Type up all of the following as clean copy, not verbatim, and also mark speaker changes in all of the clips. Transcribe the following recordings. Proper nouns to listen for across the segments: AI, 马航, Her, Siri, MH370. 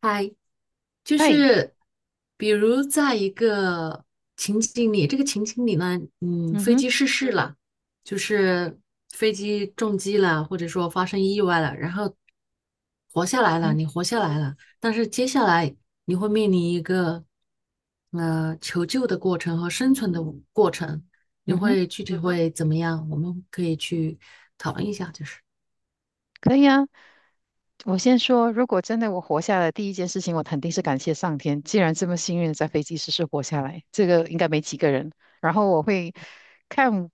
Speaker 1: 嗨，就
Speaker 2: 哎，
Speaker 1: 是比如在一个情景里，这个情景里呢，
Speaker 2: 嗯
Speaker 1: 飞
Speaker 2: 哼，
Speaker 1: 机失事了，就是飞机撞击了，或者说发生意外了，然后活下
Speaker 2: 嗯
Speaker 1: 来了，
Speaker 2: 哼，
Speaker 1: 你活下来了，但是接下来你会面临一个求救的过程和生存的过程，你
Speaker 2: 嗯哼，
Speaker 1: 会具体会怎么样？我们可以去讨论一下，就是
Speaker 2: 可以啊。我先说，如果真的我活下来，第一件事情我肯定是感谢上天，既然这么幸运地在飞机失事活下来，这个应该没几个人。然后我会看，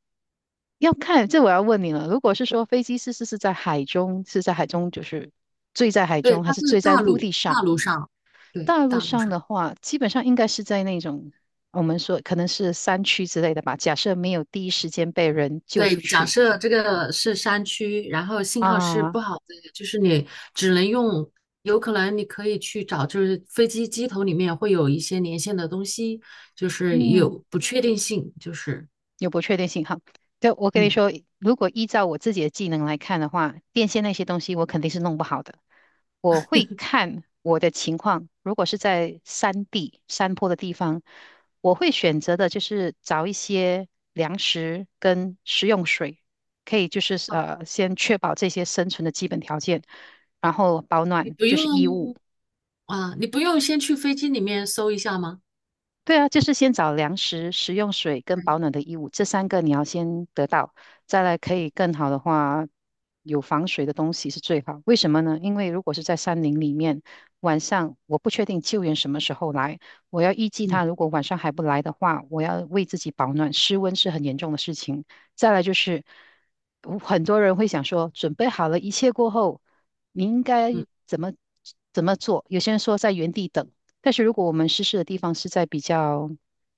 Speaker 2: 要看，这我要问你了。如果是说飞机失事是在海中就是坠在海
Speaker 1: 对，
Speaker 2: 中，还
Speaker 1: 它
Speaker 2: 是
Speaker 1: 是
Speaker 2: 坠在
Speaker 1: 大
Speaker 2: 陆
Speaker 1: 陆
Speaker 2: 地
Speaker 1: 大
Speaker 2: 上？
Speaker 1: 陆上，对，
Speaker 2: 大陆
Speaker 1: 大陆
Speaker 2: 上
Speaker 1: 上。
Speaker 2: 的话，基本上应该是在那种我们说可能是山区之类的吧。假设没有第一时间被人救出
Speaker 1: 对，假
Speaker 2: 去。
Speaker 1: 设这个是山区，然后信号是
Speaker 2: 啊，
Speaker 1: 不好的，就是你只能用，有可能你可以去找，就是飞机机头里面会有一些连线的东西，就是
Speaker 2: 嗯，
Speaker 1: 有不确定性，就是
Speaker 2: 有不确定性哈。对，我跟你
Speaker 1: 嗯
Speaker 2: 说，如果依照我自己的技能来看的话，电线那些东西我肯定是弄不好的。我会看我的情况，如果是在山地、山坡的地方，我会选择的就是找一些粮食跟食用水，可以就是
Speaker 1: 啊，
Speaker 2: 先确保这些生存的基本条件，然后保
Speaker 1: 你
Speaker 2: 暖
Speaker 1: 不
Speaker 2: 就是衣物。
Speaker 1: 用啊，你不用先去飞机里面搜一下吗？
Speaker 2: 对啊，就是先找粮食、食用水跟保暖的衣物，这三个你要先得到，再来可以更好的话，有防水的东西是最好。为什么呢？因为如果是在山林里面，晚上我不确定救援什么时候来，我要预计
Speaker 1: 嗯
Speaker 2: 他如果晚上还不来的话，我要为自己保暖，失温是很严重的事情。再来就是，我很多人会想说，准备好了一切过后，你应该
Speaker 1: 嗯
Speaker 2: 怎么怎么做？有些人说在原地等，但是如果我们失事的地方是在比较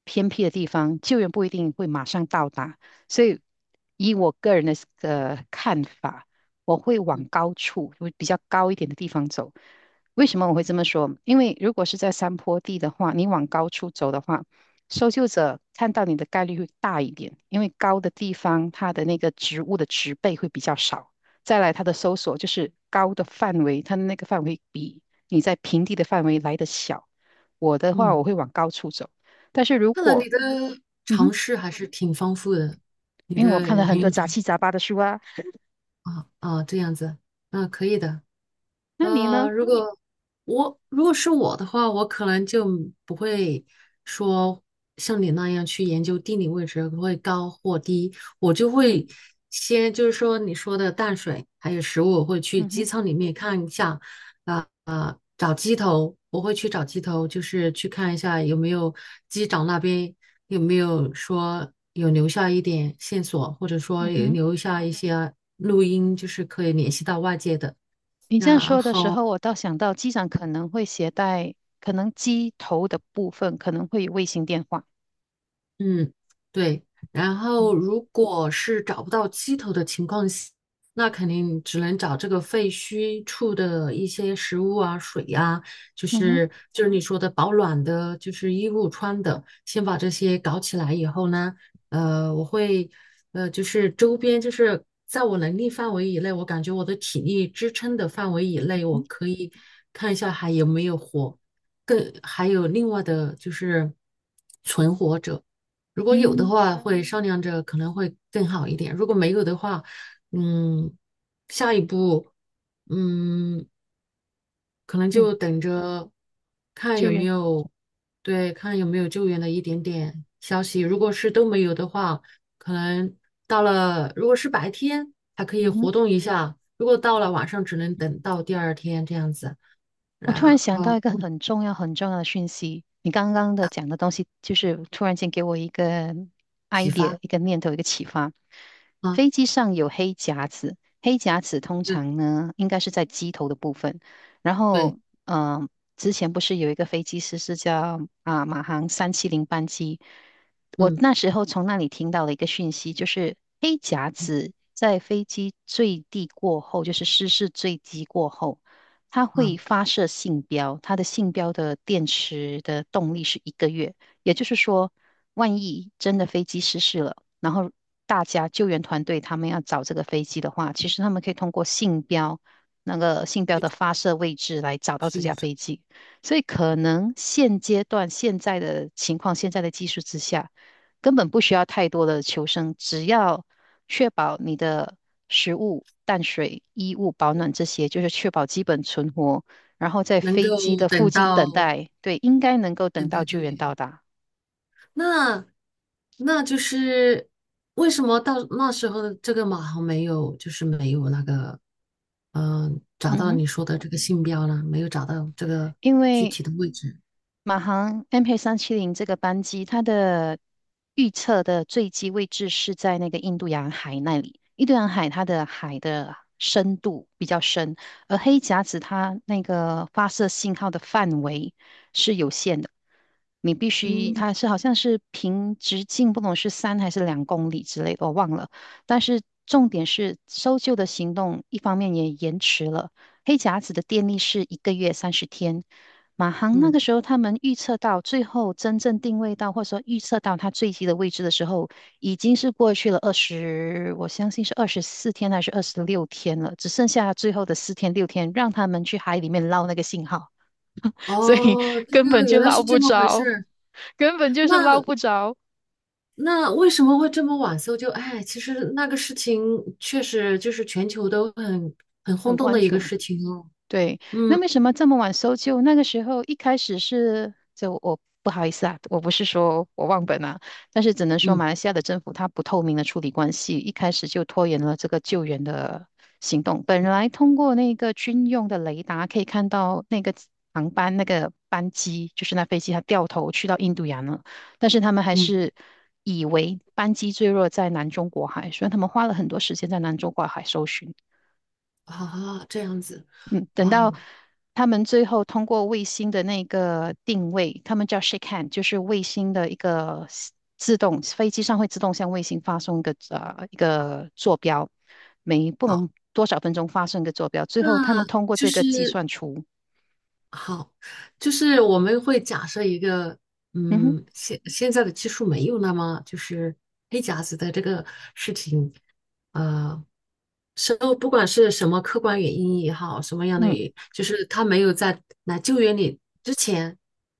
Speaker 2: 偏僻的地方，救援不一定会马上到达，所以以我个人的看法，我会往高处，会比较高一点的地方走。为什么我会这么说？因为如果是在山坡地的话，你往高处走的话，搜救者看到你的概率会大一点，因为高的地方它的那个植物的植被会比较少。再来，它的搜索就是高的范围，它的那个范围比你在平地的范围来得小。我的话，
Speaker 1: 嗯，
Speaker 2: 我会往高处走。但是如
Speaker 1: 看来
Speaker 2: 果，
Speaker 1: 你的
Speaker 2: 嗯
Speaker 1: 尝
Speaker 2: 哼，
Speaker 1: 试还是挺丰富的，你
Speaker 2: 因为我
Speaker 1: 的
Speaker 2: 看了很
Speaker 1: 很
Speaker 2: 多
Speaker 1: 有尝
Speaker 2: 杂七杂八的书啊，
Speaker 1: 啊啊这样子，啊，可以的。
Speaker 2: 那你呢？
Speaker 1: 如果我如果是我的话，我可能就不会说像你那样去研究地理位置会高或低，我就
Speaker 2: 嗯，
Speaker 1: 会先就是说你说的淡水还有食物，我会去
Speaker 2: 嗯
Speaker 1: 机
Speaker 2: 哼，
Speaker 1: 舱里面看一下，啊、啊、找机头，我会去找机头，就是去看一下有没有机长那边有没有说有留下一点线索，或者说
Speaker 2: 嗯
Speaker 1: 有
Speaker 2: 哼，
Speaker 1: 留下一些录音，就是可以联系到外界的。
Speaker 2: 你这
Speaker 1: 然
Speaker 2: 样
Speaker 1: 嗯
Speaker 2: 说的时
Speaker 1: 后，
Speaker 2: 候，我倒想到机长可能会携带，可能机头的部分可能会有卫星电话。
Speaker 1: 嗯，对。然
Speaker 2: 嗯，
Speaker 1: 后，如果是找不到鸡头的情况下，那肯定只能找这个废墟处的一些食物啊、水呀、就
Speaker 2: 嗯哼，
Speaker 1: 是就是你说的保暖的，就是衣物穿的，先把这些搞起来以后呢，呃，我会就是周边，就是在我能力范围以内，我感觉我的体力支撑的范围以
Speaker 2: 嗯
Speaker 1: 内，我
Speaker 2: 哼，
Speaker 1: 可以看一下还有没有活，更还有另外的就是存活者，如果有的
Speaker 2: 嗯，
Speaker 1: 话，会商量着可能会更好一点；如果没有的话，嗯，下一步，嗯，可能
Speaker 2: 嗯，
Speaker 1: 就等着看
Speaker 2: 救
Speaker 1: 有没
Speaker 2: 援。
Speaker 1: 有，对，看有没有救援的一点点消息。如果是都没有的话，可能到了，如果是白天还可以
Speaker 2: 嗯哼。
Speaker 1: 活动一下，如果到了晚上，只能等到第二天这样子，
Speaker 2: 我突然
Speaker 1: 然
Speaker 2: 想
Speaker 1: 后
Speaker 2: 到一个很重要、很重要的讯息，你刚刚的讲的东西，就是突然间给我一个
Speaker 1: 启
Speaker 2: idea、
Speaker 1: 发
Speaker 2: 一个念头、一个启发。
Speaker 1: 啊，
Speaker 2: 飞机上有黑匣子，黑匣子通
Speaker 1: 对
Speaker 2: 常呢应该是在机头的部分。然
Speaker 1: 对，
Speaker 2: 后，嗯、之前不是有一个飞机师是叫马航三七零班机，我
Speaker 1: 嗯
Speaker 2: 那时候从那里听到了一个讯息，就是黑匣
Speaker 1: 嗯
Speaker 2: 子在飞机坠地过后，就是失事坠机过后。它
Speaker 1: 啊，
Speaker 2: 会发射信标，它的信标的电池的动力是一个月，也就是说，万一真的飞机失事了，然后大家救援团队他们要找这个飞机的话，其实他们可以通过那个信标的发射位置来找到这
Speaker 1: 去
Speaker 2: 架
Speaker 1: 找
Speaker 2: 飞机，所以可能现阶段现在的情况，现在的技术之下。根本不需要太多的求生，只要确保你的食物、淡水、衣物、保暖这些，就是确保基本存活。然后在
Speaker 1: 能够
Speaker 2: 飞机的附
Speaker 1: 等
Speaker 2: 近等
Speaker 1: 到。
Speaker 2: 待，对，应该能够等
Speaker 1: 等待
Speaker 2: 到
Speaker 1: 救
Speaker 2: 救援
Speaker 1: 援。
Speaker 2: 到达。
Speaker 1: 那那就是为什么到那时候的这个马航没有，就是没有那个，嗯、找
Speaker 2: 嗯
Speaker 1: 到
Speaker 2: 哼，
Speaker 1: 你说的这个信标呢？没有找到这个
Speaker 2: 因
Speaker 1: 具
Speaker 2: 为
Speaker 1: 体的位置。
Speaker 2: 马航 MH370这个班机，它的预测的坠机位置是在那个印度洋海那里。印度洋海它的海的深度比较深，而黑匣子它那个发射信号的范围是有限的，你必须
Speaker 1: 嗯
Speaker 2: 它是好像是平直径不懂是3还是2公里之类的，我忘了。但是重点是搜救的行动，一方面也延迟了。黑匣子的电力是一个月30天，马航那
Speaker 1: 嗯，
Speaker 2: 个时候，他们预测到最后真正定位到，或者说预测到它坠机的位置的时候，已经是过去了二十，我相信是24天还是26天了，只剩下最后的四天六天，让他们去海里面捞那个信号，
Speaker 1: 哦，这
Speaker 2: 根本
Speaker 1: 个原来
Speaker 2: 捞
Speaker 1: 是
Speaker 2: 不
Speaker 1: 这么回事
Speaker 2: 着，
Speaker 1: 儿
Speaker 2: 根本就是捞
Speaker 1: 那
Speaker 2: 不着。
Speaker 1: 那为什么会这么晚搜救？哎，其实那个事情确实就是全球都很很轰
Speaker 2: 很
Speaker 1: 动
Speaker 2: 关
Speaker 1: 的一个
Speaker 2: 注。
Speaker 1: 事情哦。
Speaker 2: 对，那
Speaker 1: 嗯
Speaker 2: 为什么这么晚搜救？那个时候一开始是，就我不好意思啊，我不是说我忘本啊，但是只能说
Speaker 1: 嗯
Speaker 2: 马来西亚的政府它不透明的处理关系，一开始就拖延了这个救援的行动。本
Speaker 1: 嗯
Speaker 2: 来通过那个军用的雷达可以看到那个航班那个班机，就是那飞机它掉头去到印度洋了，但是他们还
Speaker 1: 嗯，
Speaker 2: 是以为班机坠落在南中国海，所以他们花了很多时间在南中国海搜寻。
Speaker 1: 好好这样子，
Speaker 2: 嗯，等
Speaker 1: 哇
Speaker 2: 到
Speaker 1: 哦。
Speaker 2: 他们最后通过卫星的那个定位，他们叫 shake hand，就是卫星的一个 自动，飞机上会自动向卫星发送一个坐标，每不
Speaker 1: 好
Speaker 2: 能多少分钟发送一个坐标，最
Speaker 1: 那
Speaker 2: 后他们通过
Speaker 1: 就
Speaker 2: 这个计
Speaker 1: 是
Speaker 2: 算出，
Speaker 1: 好，就是我们会假设一个，
Speaker 2: 嗯哼，
Speaker 1: 嗯，现现在的技术没有那么就是黑匣子的这个事情，呃，是不管是什么客观原因也好，什么样的原
Speaker 2: 嗯，
Speaker 1: 因，就是他没有在来救援你之前，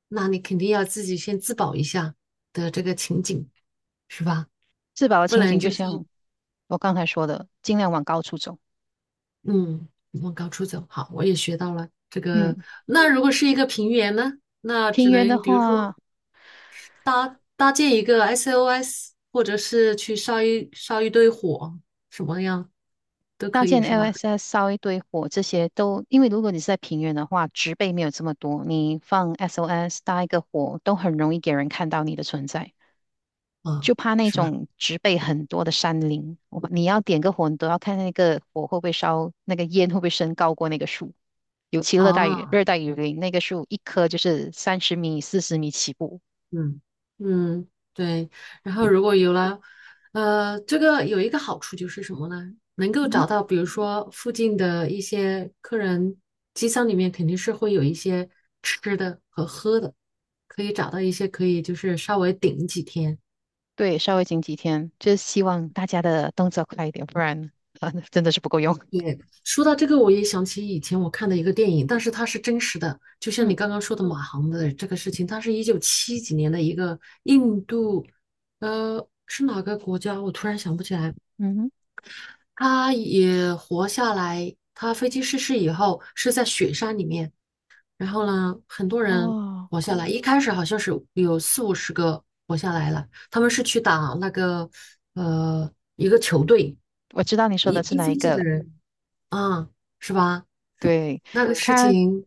Speaker 1: 那你肯定要自己先自保一下的这个情景，是吧？
Speaker 2: 自保的
Speaker 1: 不
Speaker 2: 情
Speaker 1: 能
Speaker 2: 景就
Speaker 1: 就是。
Speaker 2: 像我刚才说的，尽量往高处走。
Speaker 1: 嗯，往高处走，好，我也学到了这个。
Speaker 2: 嗯，
Speaker 1: 那如果是一个平原呢？那
Speaker 2: 平
Speaker 1: 只
Speaker 2: 原的
Speaker 1: 能比如
Speaker 2: 话。
Speaker 1: 说搭建一个 SOS，或者是去烧一烧一堆火，什么样都
Speaker 2: 搭
Speaker 1: 可以
Speaker 2: 建
Speaker 1: 是吧？
Speaker 2: LSS 烧一堆火，这些都因为如果你是在平原的话，植被没有这么多，你放 SOS 搭一个火都很容易给人看到你的存在。
Speaker 1: 嗯，
Speaker 2: 就怕那
Speaker 1: 是吧？
Speaker 2: 种植被很多的山林，你要点个火，你都要看那个火会不会烧，那个烟会不会升高过那个树。尤其
Speaker 1: 啊。
Speaker 2: 热带雨林，那个树一棵就是30米、40米起步。
Speaker 1: 嗯嗯，对。然后如果有了，这个有一个好处就是什么呢？能够
Speaker 2: 嗯，
Speaker 1: 找到，比如说附近的一些客人，机舱里面肯定是会有一些吃的和喝的，可以找到一些可以就是稍微顶几天。
Speaker 2: 对，稍微紧几天，就是希望大家的动作快一点，不然 啊，真的是不够用。
Speaker 1: 说到这个，我也想起以前我看的一个电影，但是它是真实的，就像你
Speaker 2: 嗯，
Speaker 1: 刚刚说的马航的这个事情，它是一九七几年的一个印度，是哪个国家？我突然想不起来。
Speaker 2: 嗯
Speaker 1: 他也活下来。他飞机失事以后是在雪山里面，然后呢，很多
Speaker 2: 哼，
Speaker 1: 人
Speaker 2: 哦，
Speaker 1: 活下来。一开始好像是有四五十个活下来了，他们是去打那个呃一个球队，
Speaker 2: 我知道你说
Speaker 1: 一
Speaker 2: 的是
Speaker 1: 一
Speaker 2: 哪一
Speaker 1: 飞机
Speaker 2: 个
Speaker 1: 的
Speaker 2: 了。
Speaker 1: 人，啊，是吧？
Speaker 2: 对，
Speaker 1: 那个事
Speaker 2: 他，
Speaker 1: 情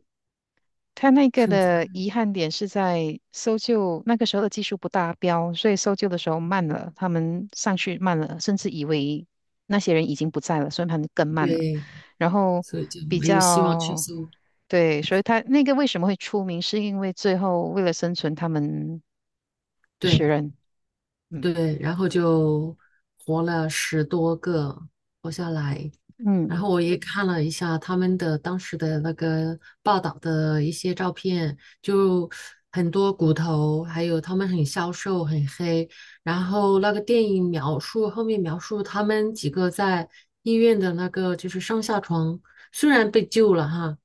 Speaker 2: 他那个
Speaker 1: 很惨
Speaker 2: 的遗憾点是在搜救那个时候的技术不达标，所以搜救的时候慢了，他们上去慢了，甚至以为那些人已经不在了，所以他们更慢了。
Speaker 1: 对，
Speaker 2: 然后
Speaker 1: 所以就
Speaker 2: 比
Speaker 1: 没有希望去
Speaker 2: 较，
Speaker 1: 搜。
Speaker 2: 对，所以他那个为什么会出名，是因为最后为了生存，他们食
Speaker 1: 对。
Speaker 2: 人。嗯，
Speaker 1: 对，然后就活了十多个，活下来。
Speaker 2: 嗯，
Speaker 1: 然后我也看了一下他们的当时的那个报道的一些照片，就很多骨头，还有他们很消瘦、很黑。然后那个电影描述后面描述他们几个在医院的那个就是上下床，虽然被救了哈，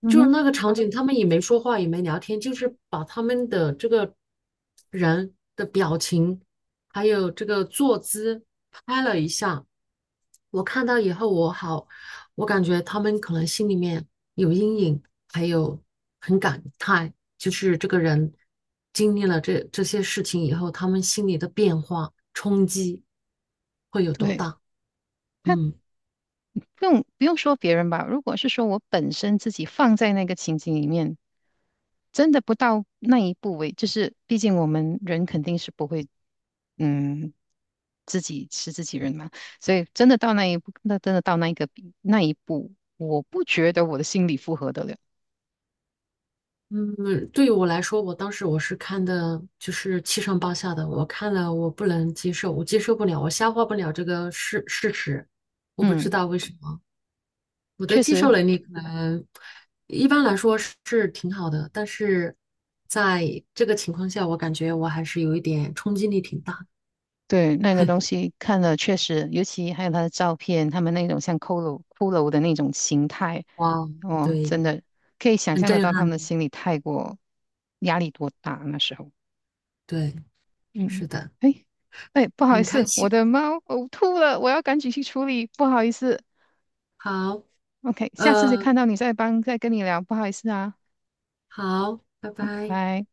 Speaker 2: 嗯
Speaker 1: 就是
Speaker 2: 哼，
Speaker 1: 那个场景，他们也没说话，也没聊天，就是把他们的这个人的表情。还有这个坐姿拍了一下，我看到以后我好，我感觉他们可能心里面有阴影，还有很感叹，就是这个人经历了这这些事情以后，他们心里的变化冲击会有多
Speaker 2: 对，
Speaker 1: 大？
Speaker 2: 他
Speaker 1: 嗯
Speaker 2: 不用说别人吧，如果是说我本身自己放在那个情景里面。真的不到那一步为，就是毕竟我们人肯定是不会，嗯，自己是自己人嘛，所以真的到那一步，那真的到那一个比那一步，我不觉得我的心理负荷得了。
Speaker 1: 嗯，对于我来说，我当时我是看的，就是七上八下的，我看了我不能接受，我接受不了，我消化不了这个事事实，我不知
Speaker 2: 嗯，
Speaker 1: 道为什么。我的
Speaker 2: 确
Speaker 1: 接
Speaker 2: 实，
Speaker 1: 受能力可能一般来说是是挺好的，但是在这个情况下，我感觉我还是有一点冲击力挺大的。
Speaker 2: 对那个东西看了确实，尤其还有他的照片，他们那种像骷髅骷髅的那种形态，
Speaker 1: 哇，
Speaker 2: 哦，
Speaker 1: 对，
Speaker 2: 真的可以想
Speaker 1: 很
Speaker 2: 象得
Speaker 1: 震
Speaker 2: 到他
Speaker 1: 撼
Speaker 2: 们
Speaker 1: 的，
Speaker 2: 的心理太过压力多大那时候。
Speaker 1: 对，
Speaker 2: 嗯，
Speaker 1: 是的，
Speaker 2: 哎，哎，不好意
Speaker 1: 很开
Speaker 2: 思，我
Speaker 1: 心。
Speaker 2: 的猫呕吐了，我要赶紧去处理，不好意思。
Speaker 1: 好，
Speaker 2: OK，下次再
Speaker 1: 呃，
Speaker 2: 看到你再跟你聊，不好意思啊，
Speaker 1: 好，拜
Speaker 2: 拜
Speaker 1: 拜。
Speaker 2: 拜。